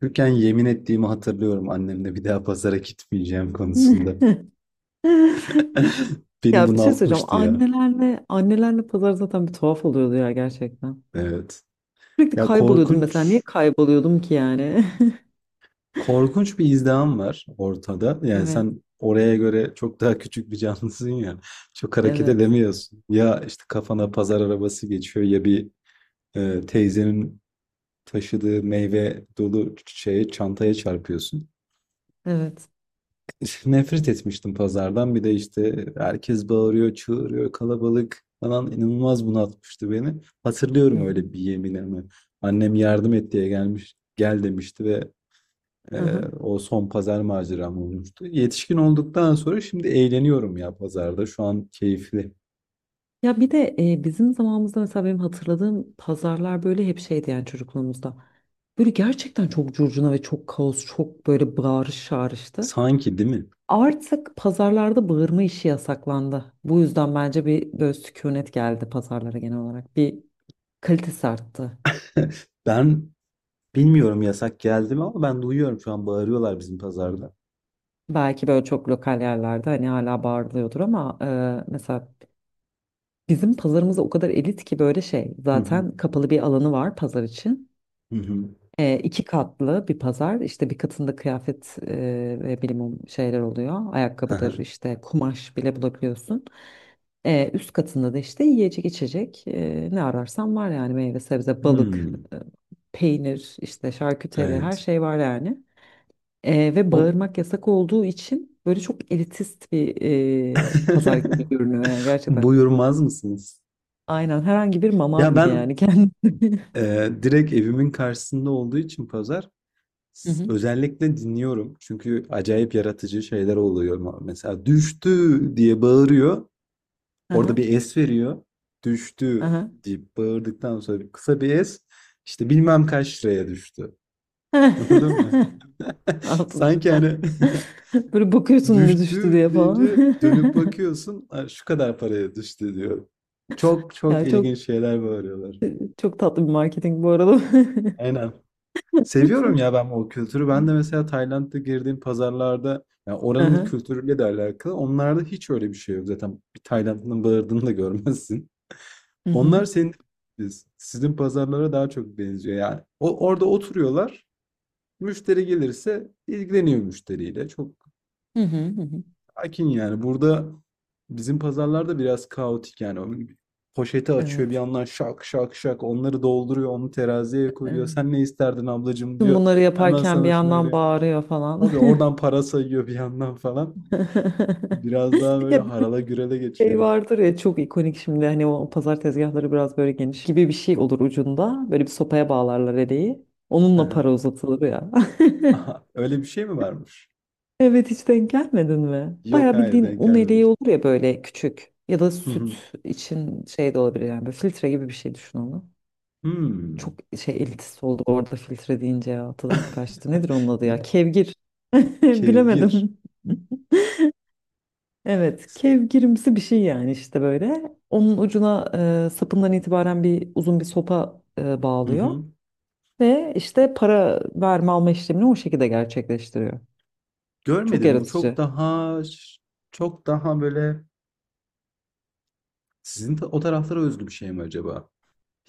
Çocukken yemin ettiğimi hatırlıyorum annemle bir daha pazara gitmeyeceğim konusunda. Beni Ya bir şey söyleyeceğim. bunaltmıştı ya. Annelerle annelerle pazar zaten bir tuhaf oluyordu ya gerçekten. Evet. Sürekli Ya kayboluyordum korkunç mesela. Niye kayboluyordum ki yani? korkunç bir izdiham var ortada. Yani Evet, sen oraya göre çok daha küçük bir canlısın ya. Çok hareket evet, edemiyorsun. Ya işte kafana pazar arabası geçiyor ya bir teyzenin taşıdığı meyve dolu şeye çantaya çarpıyorsun. evet. Nefret etmiştim pazardan. Bir de işte herkes bağırıyor, çığırıyor, kalabalık falan inanılmaz bunaltmıştı beni. Hı Hatırlıyorum hı. öyle bir yeminimi. Annem yardım et diye gelmiş, gel demişti ve Hı hı. o son pazar maceram olmuştu. Yetişkin olduktan sonra şimdi eğleniyorum ya pazarda. Şu an keyifli. Ya bir de bizim zamanımızda mesela benim hatırladığım pazarlar böyle hep şeydi yani çocukluğumuzda. Böyle gerçekten çok curcuna ve çok kaos, çok böyle bağırış çağrıştı. Sanki değil mi? Artık pazarlarda bağırma işi yasaklandı. Bu yüzden bence bir böyle sükunet geldi pazarlara genel olarak. Bir kalitesi arttı. Ben bilmiyorum yasak geldi mi ama ben duyuyorum şu an bağırıyorlar bizim pazarda. Belki böyle çok lokal yerlerde hani hala bağırılıyordur ama mesela bizim pazarımız o kadar elit ki böyle şey Hı hı, zaten kapalı bir alanı var pazar için. hı E, iki katlı bir pazar işte bir katında kıyafet ve bilimum şeyler oluyor. Ayakkabıdır hı. işte kumaş bile bulabiliyorsun. Üst katında da işte yiyecek içecek ne ararsan var yani meyve sebze balık Hmm, peynir işte şarküteri her evet. şey var yani. Ve O. bağırmak yasak olduğu için böyle çok elitist bir pazar gibi görünüyor yani gerçekten. Buyurmaz mısınız? Aynen herhangi bir mamav Ya gibi yani ben, kendisi. Direkt evimin karşısında olduğu için pazar, Hı hı. özellikle dinliyorum. Çünkü acayip yaratıcı şeyler oluyor. Mesela düştü diye bağırıyor. Orada Aha, bir es veriyor. Düştü aha. diye bağırdıktan sonra kısa bir es. İşte bilmem kaç liraya düştü. Anladın mı? Aldım. Sanki hani Böyle bakıyorsun ne düştü düştü diye falan. deyince dönüp bakıyorsun, "Aa, şu kadar paraya düştü" diyor. Çok çok Ya çok ilginç şeyler bağırıyorlar. çok tatlı bir marketing bu arada. Aynen. Seviyorum ya ben o kültürü. Ben de mesela Tayland'da girdiğim pazarlarda, yani oranın Aha. kültürüyle de alakalı. Onlarda hiç öyle bir şey yok. Zaten bir Taylandlı'nın bağırdığını da görmezsin. Hı hı. Onlar senin, sizin pazarlara daha çok benziyor yani. O orada oturuyorlar. Müşteri gelirse ilgileniyor müşteriyle. Çok Hı hı. Hı hı. akin yani. Burada bizim pazarlarda biraz kaotik yani. O poşeti açıyor bir Evet. yandan, şak şak şak onları dolduruyor, onu teraziye koyuyor. Evet. Sen ne isterdin ablacığım Tüm diyor. bunları Hemen yaparken bir sana şunu yandan öyle. bağırıyor falan. Abi oradan para sayıyor bir yandan falan. Biraz daha böyle Ya harala gürele şey geçiyor. vardır ya çok ikonik şimdi hani o pazar tezgahları biraz böyle geniş şeyler gibi bir şey olur ucunda. Böyle bir sopaya bağlarlar eleği. Onunla Aha, para uzatılır ya. aha, öyle bir şey mi varmış? Evet, hiç denk gelmedin mi? Yok, Bayağı hayır, bildiğin denk un eleği gelmemiştim. olur ya böyle küçük. Ya da Hı hı. süt için şey de olabilir yani böyle filtre gibi bir şey düşün onu. Çok Hmm. şey elitist oldu orada filtre deyince ya tadım kaçtı. Nedir onun adı ya? Kevgir. Kevgir. Bilemedim. Evet, kevgirimsi bir şey yani işte böyle. Onun ucuna sapından itibaren bir uzun bir sopa Hı bağlıyor hı. ve işte para verme alma işlemini o şekilde gerçekleştiriyor. Çok Görmedim. Bu çok yaratıcı. daha böyle sizin, o taraflara özgü bir şey mi acaba?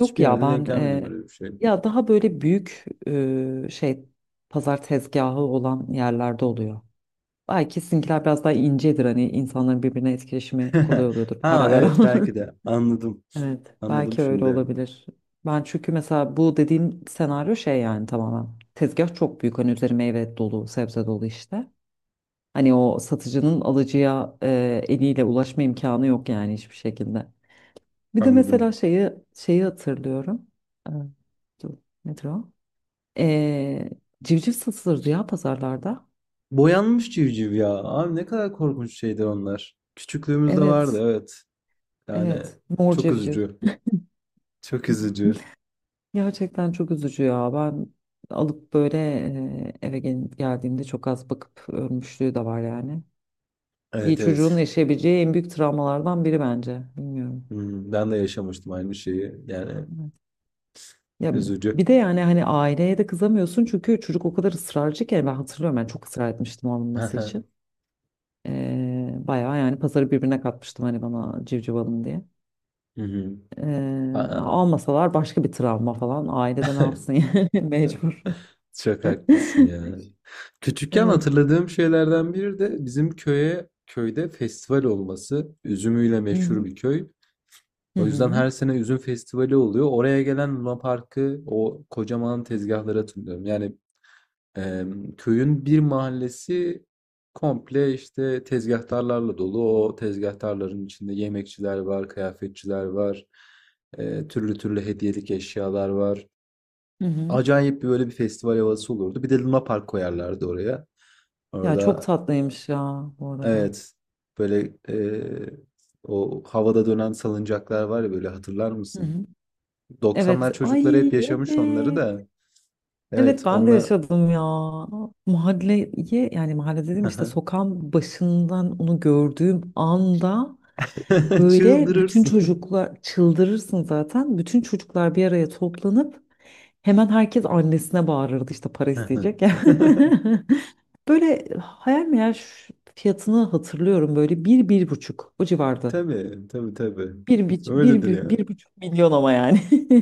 Yok ya yerde denk ben gelmedim böyle bir şey. ya daha böyle büyük şey pazar tezgahı olan yerlerde oluyor. Belki sizinkiler biraz daha incedir hani insanların birbirine etkileşimi kolay oluyordur para Ha, veren. evet, belki de. Anladım. Evet, Anladım belki öyle şimdi. olabilir. Ben çünkü mesela bu dediğim senaryo şey yani tamamen. Tezgah çok büyük hani üzeri meyve dolu, sebze dolu işte. Hani o satıcının alıcıya eliyle ulaşma imkanı yok yani hiçbir şekilde. Bir de mesela Anladım. şeyi hatırlıyorum. Ee, dur, nedir o? Ee, civciv satılırdı ya pazarlarda. Boyanmış civciv ya. Abi ne kadar korkunç şeydir onlar. Küçüklüğümüzde vardı, Evet, evet. Yani evet. Mor çok civciv. üzücü. Çok üzücü. Gerçekten çok üzücü ya. Ben alıp böyle eve geldiğimde çok az bakıp ölmüşlüğü de var yani. Bir Evet, çocuğun evet. yaşayabileceği en büyük travmalardan biri bence. Bilmiyorum. Hmm, ben de yaşamıştım aynı şeyi. Yani Evet. Ya bir üzücü. de yani hani aileye de kızamıyorsun çünkü çocuk o kadar ısrarcı ki ben hatırlıyorum ben çok ısrar etmiştim alınması Hı için. Bayağı yani pazarı birbirine katmıştım hani bana civciv alın diye. hı. Ee, Aa. almasalar başka bir travma falan ailede ne yapsın yani mecbur. Çok haklısın ya. Küçükken Evet. hatırladığım şeylerden biri de bizim köyde festival olması. Üzümüyle Hı meşhur hı. bir köy. Hı O yüzden hı. her sene üzüm festivali oluyor. Oraya gelen Luna Park'ı, o kocaman tezgahları hatırlıyorum. Yani, Eee, köyün bir mahallesi komple işte tezgahtarlarla dolu. O tezgahtarların içinde yemekçiler var, kıyafetçiler var, türlü türlü hediyelik eşyalar var. Hı hı. Acayip bir böyle bir festival havası olurdu. Bir de Luna Park koyarlardı oraya. Ya çok Orada, tatlıymış ya bu arada. evet, böyle o havada dönen salıncaklar var ya, böyle hatırlar Hı mısın? hı. Evet. 90'lar çocukları Ay hep yaşamış onları evet. da. Evet Evet, ben de onunla yaşadım ya. Mahalleye yani mahalle dedim işte sokağın başından onu gördüğüm anda böyle bütün çıldırırsın. çocuklar çıldırırsın zaten. Bütün çocuklar bir araya toplanıp hemen herkes annesine bağırırdı işte para Hı. isteyecek ya. Böyle hayal meyal şu fiyatını hatırlıyorum böyle bir buçuk o civarda. Tabii, tabii, tabii. Bir, buç- bir, Öyledir bir, bir buçuk milyon ama yani.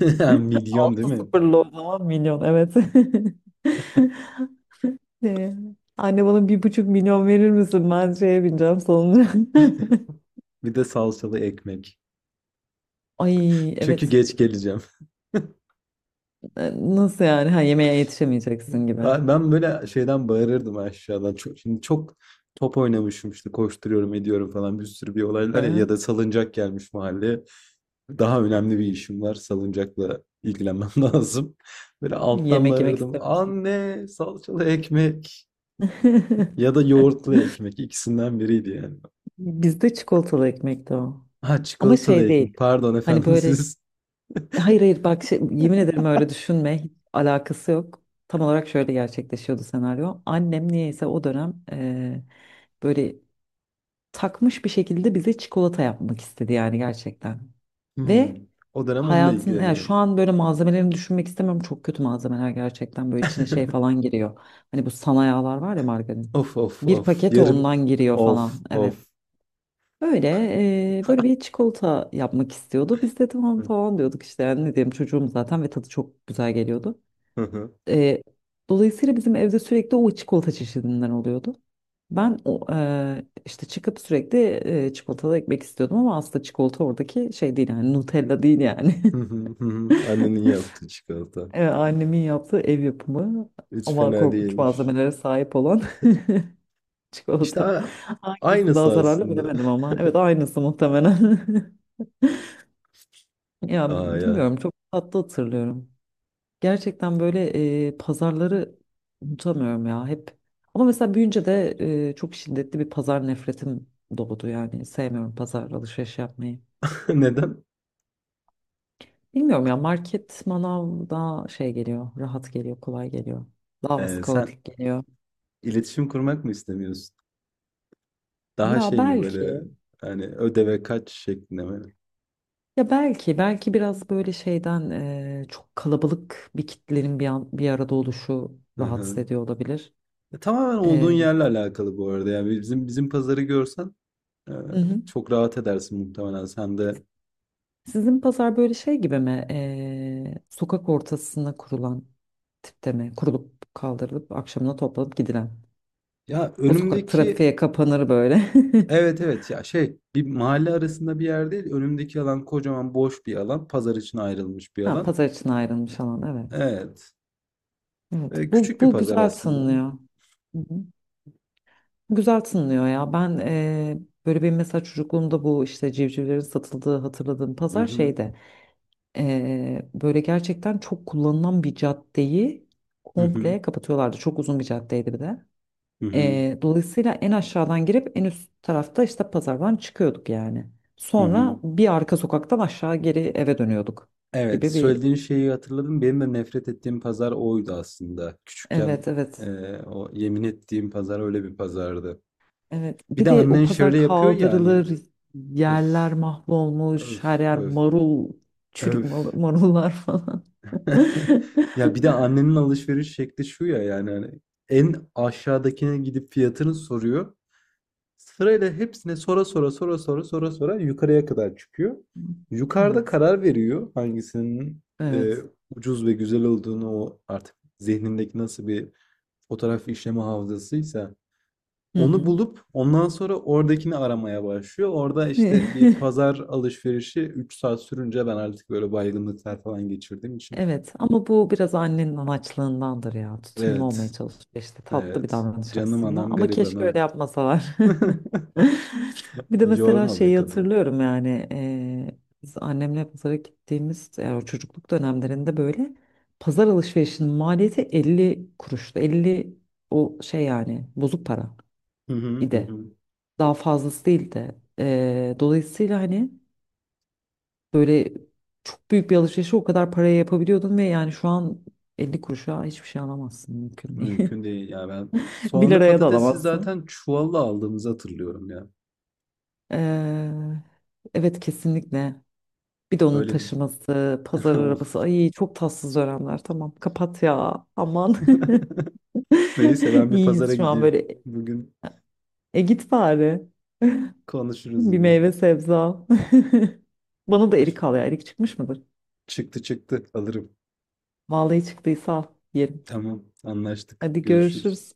ya. Milyon değil Altı mi? sıfırlı o zaman milyon evet. Ee, Anne bana 1,5 milyon verir misin? Ben şeye bineceğim sonunda. Bir de salçalı ekmek. Ay Çünkü evet. geç geleceğim. Ee, Nasıl yani? Ha yemeğe yetişemeyeceksin gibi. Aa, ben böyle şeyden bağırırdım aşağıdan. Şimdi çok top oynamışım işte, koşturuyorum ediyorum falan, bir sürü olaylar ya ya Ha? da salıncak gelmiş mahalleye. Daha önemli bir işim var. Salıncakla ilgilenmem lazım. Böyle alttan Yemek yemek bağırırdım. istemiyorsun. Anne, salçalı ekmek ya da yoğurtlu ekmek, ikisinden biriydi yani. Bizde çikolatalı ekmekti o. Ha, Ama çikolatalı şey değil. eğitim. Pardon Hani efendim böyle, siz. hayır, hayır, bak, yemin ederim öyle düşünme. Hiç alakası yok. Tam olarak şöyle gerçekleşiyordu senaryo. Annem niyeyse o dönem böyle takmış bir şekilde bize çikolata yapmak istedi yani gerçekten. Hmm. Ve O dönem onunla hayatın yani şu ilgileniyorum. an böyle malzemelerini düşünmek istemiyorum. Çok kötü malzemeler gerçekten böyle içine şey falan giriyor. Hani bu sana yağlar var ya margarin. Of of Bir of. paket Yarım. ondan giriyor Of falan. Evet. of. Öyle böyle bir çikolata yapmak istiyordu. Biz de tamam Hı falan diyorduk işte yani ne diyeyim çocuğum zaten ve tadı çok güzel geliyordu. hı. Eee, dolayısıyla bizim evde sürekli o çikolata çeşidinden oluyordu. Ben o, işte çıkıp sürekli çikolatalı ekmek istiyordum ama aslında çikolata oradaki şey değil yani Nutella değil yani. Hı hı, hı hı. Annenin yaptığı çikolata. Annemin yaptığı ev yapımı Hiç ama fena korkunç değilmiş. malzemelere sahip olan İşte çikolata. Hangisi daha aynısı zararlı aslında. bilemedim ama evet aynısı muhtemelen. Ya Aa ya. bilmiyorum çok tatlı hatırlıyorum. Gerçekten böyle pazarları unutamıyorum ya hep. Ama mesela büyünce de çok şiddetli bir pazar nefretim doğdu yani. Sevmiyorum pazar alışveriş yapmayı. Neden? Bilmiyorum ya market manav daha şey geliyor, rahat geliyor, kolay geliyor. Daha az Sen kaotik geliyor. iletişim kurmak mı istemiyorsun? Daha Ya şey mi böyle, belki, hani ödeve kaç şeklinde mi? belki biraz böyle şeyden çok kalabalık bir kitlenin bir arada oluşu Hı rahatsız hı. ediyor olabilir. Tamamen olduğun E, yerle alakalı bu arada. Yani bizim pazarı görsen, Ee, hı hı. çok rahat edersin muhtemelen sen de. Sizin pazar böyle şey gibi mi? Sokak ortasına kurulan tipte mi? Kurulup kaldırılıp akşamına toplanıp gidilen. Ya O sokak önümdeki, trafiğe kapanır böyle. evet, evet, ya şey, bir mahalle arasında bir yer değil. Önümdeki alan kocaman boş bir alan. Pazar için ayrılmış bir Ha, alan. pazar için ayrılmış alan evet. Evet. Evet, Ee, bu, küçük bir bu pazar güzel aslında. tınlıyor. Hı hı. Güzel tınlıyor ya. Ben böyle bir mesela çocukluğumda bu işte civcivlerin satıldığı hatırladığım Hı pazar hı. şeyde böyle gerçekten çok kullanılan bir caddeyi Hı hı. komple kapatıyorlardı. Çok uzun bir caddeydi bir de. Hı hı. Dolayısıyla en aşağıdan girip en üst tarafta işte pazardan çıkıyorduk yani. Hı hı. Sonra bir arka sokaktan aşağı geri eve dönüyorduk Evet, gibi bir. söylediğin şeyi hatırladım. Benim de nefret ettiğim pazar oydu aslında. Küçükken, Evet, evet, o yemin ettiğim pazar öyle bir pazardı. evet. Bir Bir de de o annen pazar şöyle yapıyor yani. kaldırılır Öf, yerler mahvolmuş her öf, yer öf, marul çürük öf. marullar falan. Ya bir de annenin alışveriş şekli şu ya, yani hani en aşağıdakine gidip fiyatını soruyor. Sırayla hepsine, sonra sonra sonra sonra sonra sonra yukarıya kadar çıkıyor. Yukarıda Evet, karar veriyor hangisinin, e, evet. ucuz ve güzel olduğunu, o artık zihnindeki nasıl bir fotoğraf işleme hafızasıysa onu Hı bulup ondan sonra oradakini aramaya başlıyor. Orada hı. işte bir pazar alışverişi 3 saat sürünce, ben artık böyle baygınlıklar falan geçirdiğim için. Evet, ama bu biraz annenin anaçlığındandır ya. Tutumlu olmaya Evet. çalışıyor işte. Tatlı bir Evet. davranış Canım aslında. anam Ama keşke öyle garibanım. yapmasalar. Bir de mesela Yorma be şeyi kadın. hatırlıyorum yani. Biz annemle pazara gittiğimiz yani o çocukluk dönemlerinde böyle pazar alışverişinin maliyeti 50 kuruştu. 50 o şey yani bozuk para Hı hı, hı idi. hı. Daha fazlası değildi. Dolayısıyla hani böyle çok büyük bir alışverişi o kadar paraya yapabiliyordun ve yani şu an 50 kuruşa hiçbir şey alamazsın mümkün değil. Mümkün değil ya ben. bir Soğanı liraya da patatesi alamazsın. zaten çuvalla aldığımızı hatırlıyorum ya. Ee, evet kesinlikle. Bir de onun Böyle bir taşıması, pazar of. arabası. Ay çok tatsız dönemler. Tamam kapat ya. Aman. Neyse, ben bir pazara İyiyiz şu an gideyim. böyle. Bugün E git bari. konuşuruz Bir yine. meyve sebze al. Bana da erik al ya. Erik çıkmış mıdır? Çıktı çıktı, alırım. Vallahi çıktıysa al. Yerim. Tamam, anlaştık. Hadi Görüşürüz. görüşürüz.